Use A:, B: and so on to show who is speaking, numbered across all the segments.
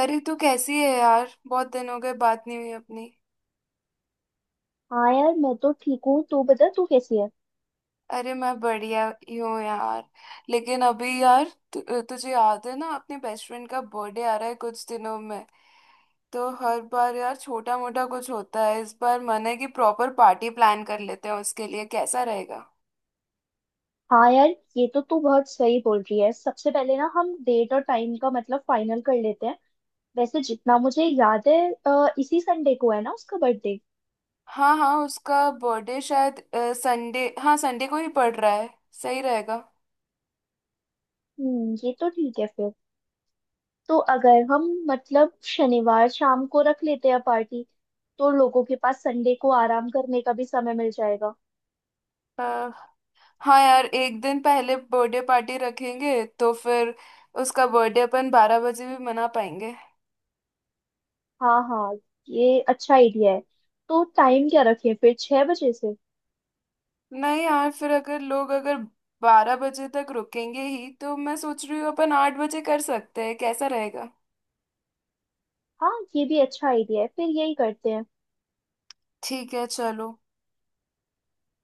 A: अरे तू कैसी है यार। बहुत दिन हो गए, बात नहीं हुई अपनी।
B: हाँ यार, मैं तो ठीक हूँ। तू बता, तू कैसी है?
A: अरे मैं बढ़िया ही हूँ यार। लेकिन अभी यार, तु, तुझे याद है ना अपने बेस्ट फ्रेंड का बर्थडे आ रहा है कुछ दिनों में। तो हर बार यार छोटा मोटा कुछ होता है, इस बार मन है कि प्रॉपर पार्टी प्लान कर लेते हैं उसके लिए। कैसा रहेगा?
B: हाँ यार, ये तो तू बहुत सही बोल रही है। सबसे पहले ना हम डेट और टाइम का मतलब फाइनल कर लेते हैं। वैसे जितना मुझे याद है, इसी संडे को है ना उसका बर्थडे?
A: हाँ हाँ, उसका बर्थडे शायद संडे, हाँ संडे को ही पड़ रहा है। सही रहेगा।
B: ये तो ठीक है फिर। तो अगर हम मतलब शनिवार शाम को रख लेते हैं पार्टी, तो लोगों के पास संडे को आराम करने का भी समय मिल जाएगा।
A: हाँ यार, एक दिन पहले बर्थडे पार्टी रखेंगे तो फिर उसका बर्थडे अपन 12 बजे भी मना पाएंगे।
B: हाँ हाँ, ये अच्छा आइडिया है। तो टाइम क्या रखें फिर, 6 बजे से?
A: नहीं यार, फिर अगर लोग अगर 12 बजे तक रुकेंगे ही तो मैं सोच रही हूँ अपन 8 बजे कर सकते हैं। कैसा रहेगा?
B: हाँ, ये भी अच्छा आइडिया है, फिर यही करते हैं।
A: ठीक है चलो।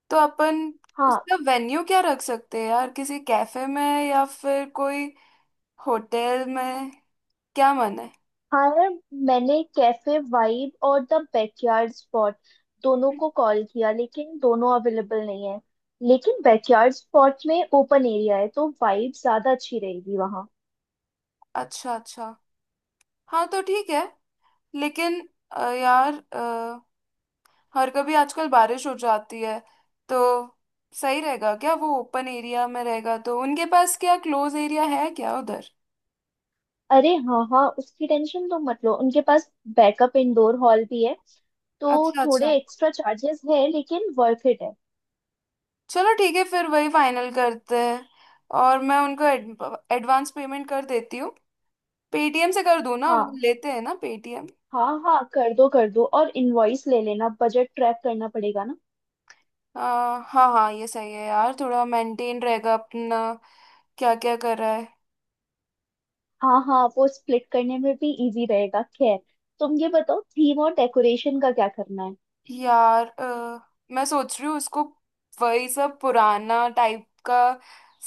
A: तो अपन
B: हाँ।
A: उसका वेन्यू क्या रख सकते हैं यार? किसी कैफे में या फिर कोई होटल में? क्या मन है?
B: हाँ यार, मैंने कैफे वाइब और द बैकयार्ड स्पॉट दोनों को कॉल किया, लेकिन दोनों अवेलेबल नहीं है। लेकिन बैकयार्ड स्पॉट में ओपन एरिया है तो वाइब ज्यादा अच्छी रहेगी वहाँ।
A: अच्छा अच्छा, हाँ तो ठीक है। लेकिन यार, और कभी आजकल बारिश हो जाती है तो सही रहेगा क्या? वो ओपन एरिया में रहेगा तो उनके पास क्या क्लोज एरिया है क्या उधर?
B: अरे हाँ हाँ, उसकी टेंशन तो मत लो, उनके पास बैकअप इंडोर हॉल भी है। तो
A: अच्छा अच्छा,
B: थोड़े एक्स्ट्रा चार्जेस है लेकिन वर्थ इट है।
A: चलो ठीक है फिर वही फाइनल करते हैं। और मैं उनको एडवांस पेमेंट कर देती हूँ। पेटीएम से कर दूँ ना, वो
B: हाँ
A: लेते हैं ना पेटीएम?
B: हाँ हाँ, कर दो कर दो, और इनवॉइस ले लेना, बजट ट्रैक करना पड़ेगा ना।
A: हाँ हाँ हाँ, ये सही है यार, थोड़ा मेंटेन रहेगा अपना क्या क्या कर रहा है।
B: हाँ हाँ, वो स्प्लिट करने में भी इजी रहेगा। खैर, तुम ये बताओ थीम और डेकोरेशन का क्या करना है?
A: यार मैं सोच रही हूँ उसको वही सब पुराना टाइप का,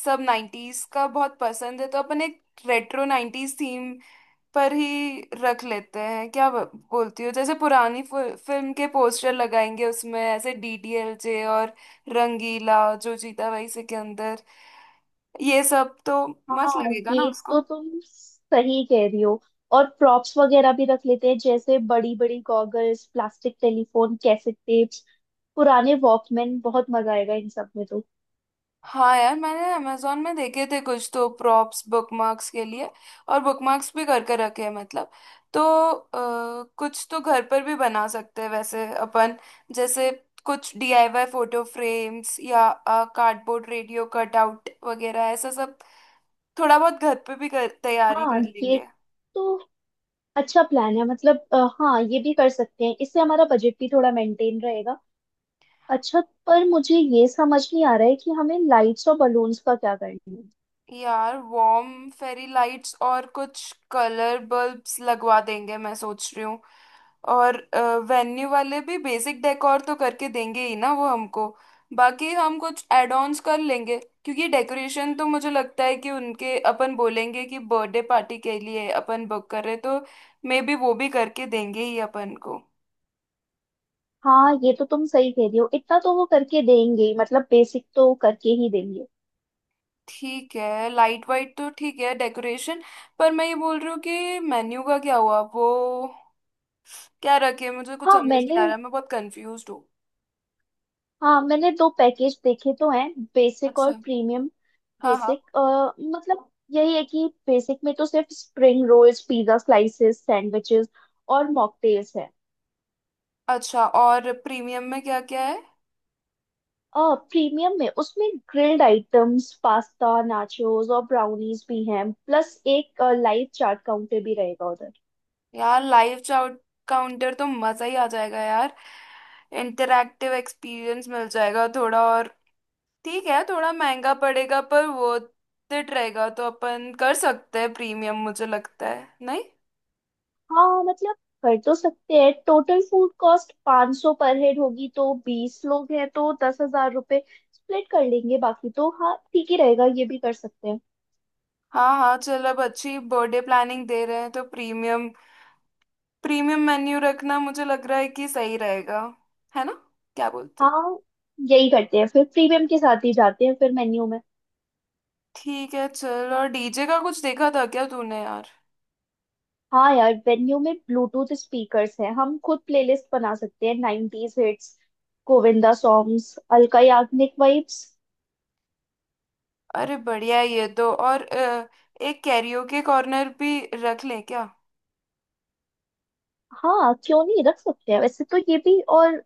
A: सब नाइन्टीज का बहुत पसंद है तो अपन एक रेट्रो नाइन्टीज थीम पर ही रख लेते हैं। क्या बोलती हो? जैसे पुरानी फिल्म के पोस्टर लगाएंगे उसमें, ऐसे डीडीएलजे और रंगीला, जो जीता वही सिकंदर, ये सब तो मस्त
B: हाँ,
A: लगेगा ना
B: ये
A: उसको।
B: तो तुम सही कह रही हो। और प्रॉप्स वगैरह भी रख लेते हैं, जैसे बड़ी बड़ी goggles, plastic telephone, cassette tapes, पुराने वॉकमैन। बहुत मजा आएगा इन सब में तो।
A: हाँ यार, मैंने अमेजोन में देखे थे कुछ तो प्रॉप्स बुकमार्क्स के लिए, और बुकमार्क्स भी करके रखे हैं मतलब। तो कुछ तो घर पर भी बना सकते हैं वैसे अपन, जैसे कुछ डीआईवाई फोटो फ्रेम्स या कार्डबोर्ड रेडियो कटआउट वगैरह ऐसा सब थोड़ा बहुत घर पे भी तैयारी
B: हाँ,
A: कर
B: ये
A: लेंगे।
B: तो अच्छा प्लान है। मतलब हाँ, ये भी कर सकते हैं, इससे हमारा बजट भी थोड़ा मेंटेन रहेगा। अच्छा, पर मुझे ये समझ नहीं आ रहा है कि हमें लाइट्स और बलून्स का क्या करना है?
A: यार वार्म फेरी लाइट्स और कुछ कलर बल्ब्स लगवा देंगे, मैं सोच रही हूँ। और वेन्यू वाले भी बेसिक डेकोर तो करके देंगे ही ना वो हमको, बाकी हम कुछ एड ऑन्स कर लेंगे। क्योंकि डेकोरेशन तो मुझे लगता है कि उनके, अपन बोलेंगे कि बर्थडे पार्टी के लिए अपन बुक कर रहे तो मे बी वो भी करके देंगे ही अपन को।
B: हाँ, ये तो तुम सही कह रही हो, इतना तो वो करके देंगे ही, मतलब बेसिक तो करके ही देंगे।
A: ठीक है, लाइट वाइट तो ठीक है, डेकोरेशन। पर मैं ये बोल रही हूँ कि मेन्यू का क्या हुआ वो, क्या रखे? मुझे कुछ
B: हाँ
A: समझ नहीं
B: मैंने
A: आ रहा, मैं बहुत कंफ्यूज हूँ।
B: हाँ मैंने दो पैकेज देखे तो हैं, बेसिक और
A: अच्छा,
B: प्रीमियम।
A: हाँ हाँ।
B: बेसिक मतलब यही है कि बेसिक में तो सिर्फ spring rolls, pizza slices, sandwiches और मॉकटेल्स है।
A: अच्छा, और प्रीमियम में क्या क्या है?
B: प्रीमियम में उसमें ग्रिल्ड आइटम्स, पास्ता, नाचोस और ब्राउनीज भी हैं, प्लस एक लाइव चाट काउंटर भी रहेगा उधर।
A: यार लाइव चाउट काउंटर तो मजा ही आ जाएगा यार, इंटरैक्टिव एक्सपीरियंस मिल जाएगा थोड़ा और। ठीक है, थोड़ा महंगा पड़ेगा पर वो it रहेगा तो अपन कर सकते हैं प्रीमियम, मुझे लगता है। नहीं
B: हाँ मतलब, कर तो सकते हैं। टोटल फूड कॉस्ट 500 सौ पर हेड होगी, तो 20 लोग हैं तो 10,000 रुपये स्प्लिट कर लेंगे। बाकी तो हाँ, ठीक ही रहेगा, ये भी कर सकते हैं।
A: हाँ हाँ चल, अब अच्छी बर्थडे प्लानिंग दे रहे हैं तो प्रीमियम, मेन्यू रखना मुझे लग रहा है कि सही रहेगा। है ना? क्या बोलते?
B: हाँ, यही करते हैं फिर, प्रीमियम के साथ ही जाते हैं फिर मेन्यू में।
A: ठीक है चल। और डीजे का कुछ देखा था क्या तूने यार?
B: हाँ यार, मेन्यू में ब्लूटूथ स्पीकर्स हैं, हम खुद प्लेलिस्ट बना सकते हैं। 90s hits, Govinda songs, Alka Yagnik vibes.
A: अरे बढ़िया है ये तो। और एक कैरियोके कॉर्नर भी रख ले क्या?
B: हाँ, क्यों नहीं, रख सकते हैं वैसे तो ये भी। और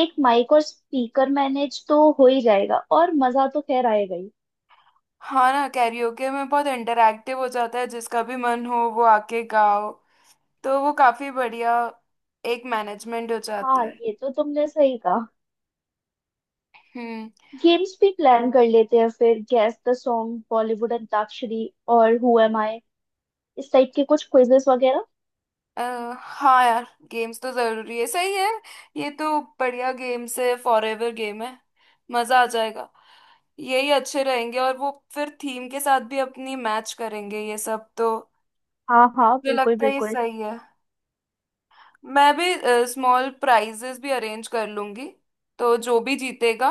B: एक माइक और स्पीकर मैनेज तो हो ही जाएगा, और मजा तो खैर आएगा ही।
A: हाँ ना, कैरियोके में बहुत इंटरैक्टिव हो जाता है, जिसका भी मन हो वो आके गाओ तो वो काफी बढ़िया एक मैनेजमेंट हो जाता
B: हाँ,
A: है।
B: ये तो तुमने सही कहा।
A: हम्म।
B: गेम्स भी प्लान कर लेते हैं फिर, guess the song, Bollywood antakshari और हु एम आई, इस टाइप के कुछ क्विजेस वगैरह।
A: अ, हाँ यार, गेम्स तो जरूरी है, सही है। ये तो बढ़िया गेम्स है, फॉर एवर गेम है। मजा आ जाएगा। यही अच्छे रहेंगे, और वो फिर थीम के साथ भी अपनी मैच करेंगे ये सब तो।
B: हाँ हाँ,
A: मुझे
B: बिल्कुल
A: लगता है ये
B: बिल्कुल।
A: सही है। मैं भी स्मॉल प्राइजेस भी अरेंज कर लूंगी, तो जो भी जीतेगा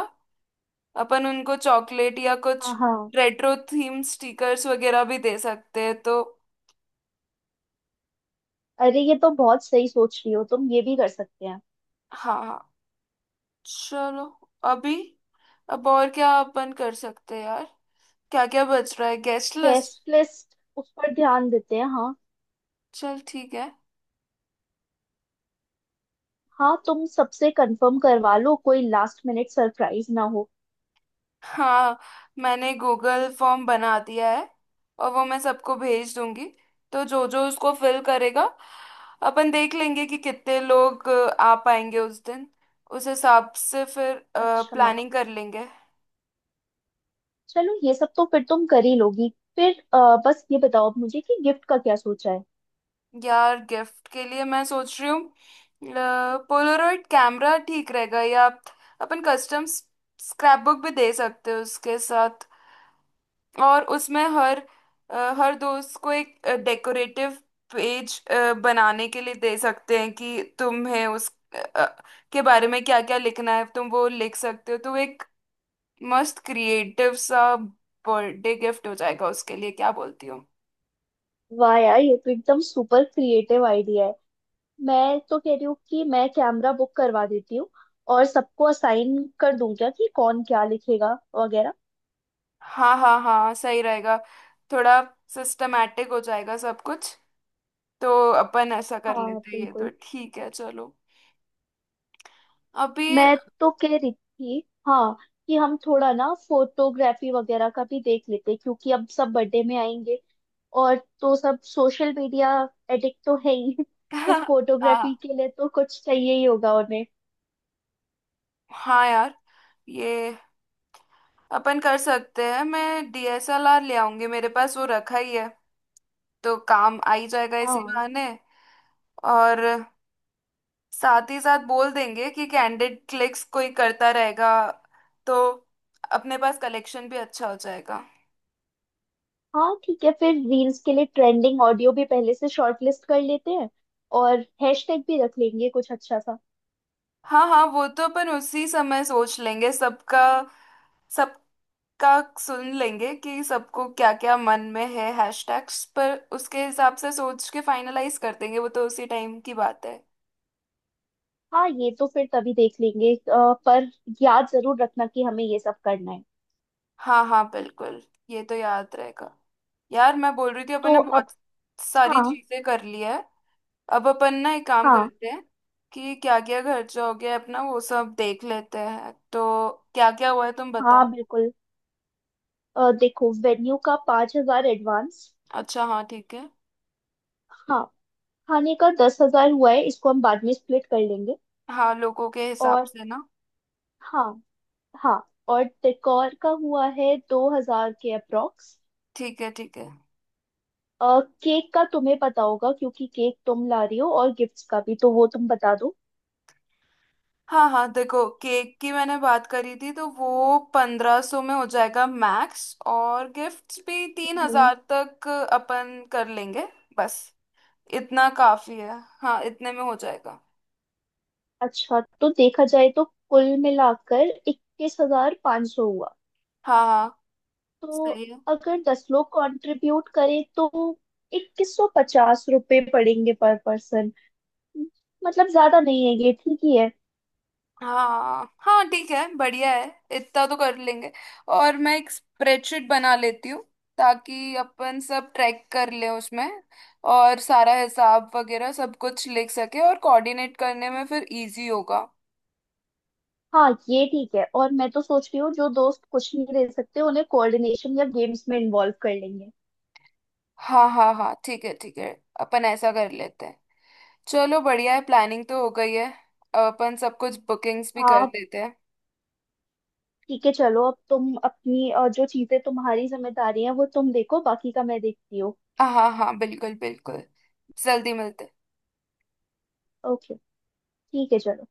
A: अपन उनको चॉकलेट या कुछ
B: हाँ हाँ।
A: रेट्रो थीम स्टिकर्स वगैरह भी दे सकते हैं तो।
B: अरे, ये तो बहुत सही सोच रही हो तुम, ये भी कर सकते हैं।
A: हाँ हाँ चलो। अभी, अब और क्या अपन कर सकते हैं यार? क्या क्या बच रहा है? Guest list.
B: गेस्ट लिस्ट, उस पर ध्यान देते हैं, हाँ।
A: चल ठीक है।
B: हाँ, तुम सबसे कंफर्म करवा लो, कोई लास्ट मिनट सरप्राइज ना हो।
A: हाँ, मैंने गूगल फॉर्म बना दिया है और वो मैं सबको भेज दूंगी। तो जो जो उसको फिल करेगा, अपन देख लेंगे कि कितने लोग आ पाएंगे उस दिन। उस हिसाब से फिर
B: अच्छा,
A: प्लानिंग कर लेंगे।
B: चलो, ये सब तो फिर तुम कर ही लोगी। फिर बस ये बताओ अब मुझे कि गिफ्ट का क्या सोचा है?
A: यार गिफ्ट के लिए मैं सोच रही हूँ पोलरॉइड कैमरा ठीक रहेगा, या अपन कस्टम स्क्रैप बुक भी दे सकते हो उसके साथ। और उसमें हर, हर दोस्त को एक डेकोरेटिव पेज बनाने के लिए दे सकते हैं कि तुम्हें उस अ, के बारे में क्या क्या लिखना है तुम वो लिख सकते हो। तो एक मस्त क्रिएटिव सा बर्थडे गिफ्ट हो जाएगा उसके लिए। क्या बोलती हो?
B: वाह यार, ये तो एकदम सुपर क्रिएटिव आइडिया है। मैं तो कह रही हूँ कि मैं कैमरा बुक करवा देती हूँ, और सबको असाइन कर दूं क्या कि कौन क्या लिखेगा वगैरह।
A: हाँ हाँ हाँ, सही रहेगा, थोड़ा सिस्टमेटिक हो जाएगा सब कुछ। तो अपन ऐसा कर
B: हाँ
A: लेते हैं, ये तो
B: बिल्कुल।
A: ठीक है चलो। अभी
B: मैं तो कह रही थी, हाँ, कि हम थोड़ा ना फोटोग्राफी वगैरह का भी देख लेते, क्योंकि अब सब बर्थडे में आएंगे। और तो सब सोशल मीडिया एडिक्ट तो है ही तो फोटोग्राफी
A: हाँ
B: के लिए तो कुछ चाहिए ही होगा उन्हें।
A: हाँ यार, ये अपन कर सकते हैं। मैं डीएसएलआर ले आऊंगी, मेरे पास वो रखा ही है, तो काम आ ही जाएगा इसी
B: हाँ,
A: बहाने। और साथ ही साथ बोल देंगे कि कैंडिड क्लिक्स कोई करता रहेगा, तो अपने पास कलेक्शन भी अच्छा हो जाएगा।
B: हाँ ठीक है फिर, रील्स के लिए ट्रेंडिंग ऑडियो भी पहले से शॉर्ट लिस्ट कर लेते हैं, और हैशटैग भी रख लेंगे कुछ अच्छा सा।
A: हाँ हाँ, वो तो अपन उसी समय सोच लेंगे सबका, सबका सुन लेंगे कि सबको क्या क्या मन में है हैशटैग्स पर, उसके हिसाब से सोच के फाइनलाइज कर देंगे। वो तो उसी टाइम की बात है।
B: हाँ, ये तो फिर तभी देख लेंगे, पर याद जरूर रखना कि हमें ये सब करना है।
A: हाँ हाँ बिल्कुल, ये तो याद रहेगा। यार मैं बोल रही थी अपन
B: तो
A: ने
B: अब।
A: बहुत सारी
B: हाँ।
A: चीजें कर ली है। अब अपन ना एक काम
B: हाँ
A: करते हैं कि क्या क्या खर्चा हो गया है अपना वो सब देख लेते हैं। तो क्या क्या हुआ है तुम
B: हाँ
A: बताओ।
B: बिल्कुल। देखो, वेन्यू का 5,000 एडवांस।
A: अच्छा हाँ, ठीक है।
B: हाँ, खाने का 10,000 हुआ है, इसको हम बाद में स्प्लिट कर लेंगे।
A: हाँ, लोगों के हिसाब
B: और
A: से ना।
B: हाँ। हाँ, और डेकोर का हुआ है 2,000 के अप्रॉक्स।
A: ठीक है ठीक है।
B: केक का तुम्हें पता होगा क्योंकि केक तुम ला रही हो, और गिफ्ट्स का भी तो वो तुम बता दो।
A: हाँ हाँ देखो, केक की मैंने बात करी थी तो वो 1500 में हो जाएगा मैक्स, और गिफ्ट्स भी तीन
B: हम्म,
A: हजार तक अपन कर लेंगे। बस इतना काफी है, हाँ इतने में हो जाएगा।
B: अच्छा, तो देखा जाए तो कुल मिलाकर 21,100 हुआ।
A: हाँ हाँ
B: तो
A: सही है।
B: अगर 10 लोग कंट्रीब्यूट करें तो 2,150 रुपये पड़ेंगे पर पर्सन। मतलब ज्यादा नहीं है, ये ठीक ही है।
A: हाँ हाँ ठीक है, बढ़िया है, इतना तो कर लेंगे। और मैं एक स्प्रेडशीट बना लेती हूँ ताकि अपन सब ट्रैक कर ले उसमें, और सारा हिसाब वगैरह सब कुछ लिख सके, और कोऑर्डिनेट करने में फिर इजी होगा।
B: हाँ, ये ठीक है, और मैं तो सोच रही हूँ जो दोस्त कुछ नहीं दे सकते उन्हें कोऑर्डिनेशन या गेम्स में इन्वॉल्व कर लेंगे।
A: हाँ हाँ हाँ, ठीक है ठीक है, अपन ऐसा कर लेते हैं। चलो बढ़िया है, प्लानिंग तो हो गई है, अपन सब कुछ बुकिंग्स भी कर
B: हाँ
A: लेते हैं।
B: ठीक है, चलो अब तुम अपनी जो चीजें तुम्हारी जिम्मेदारी है वो तुम देखो, बाकी का मैं देखती हूँ।
A: हाँ हाँ हाँ बिल्कुल बिल्कुल, जल्दी मिलते हैं।
B: ओके, ठीक है, चलो।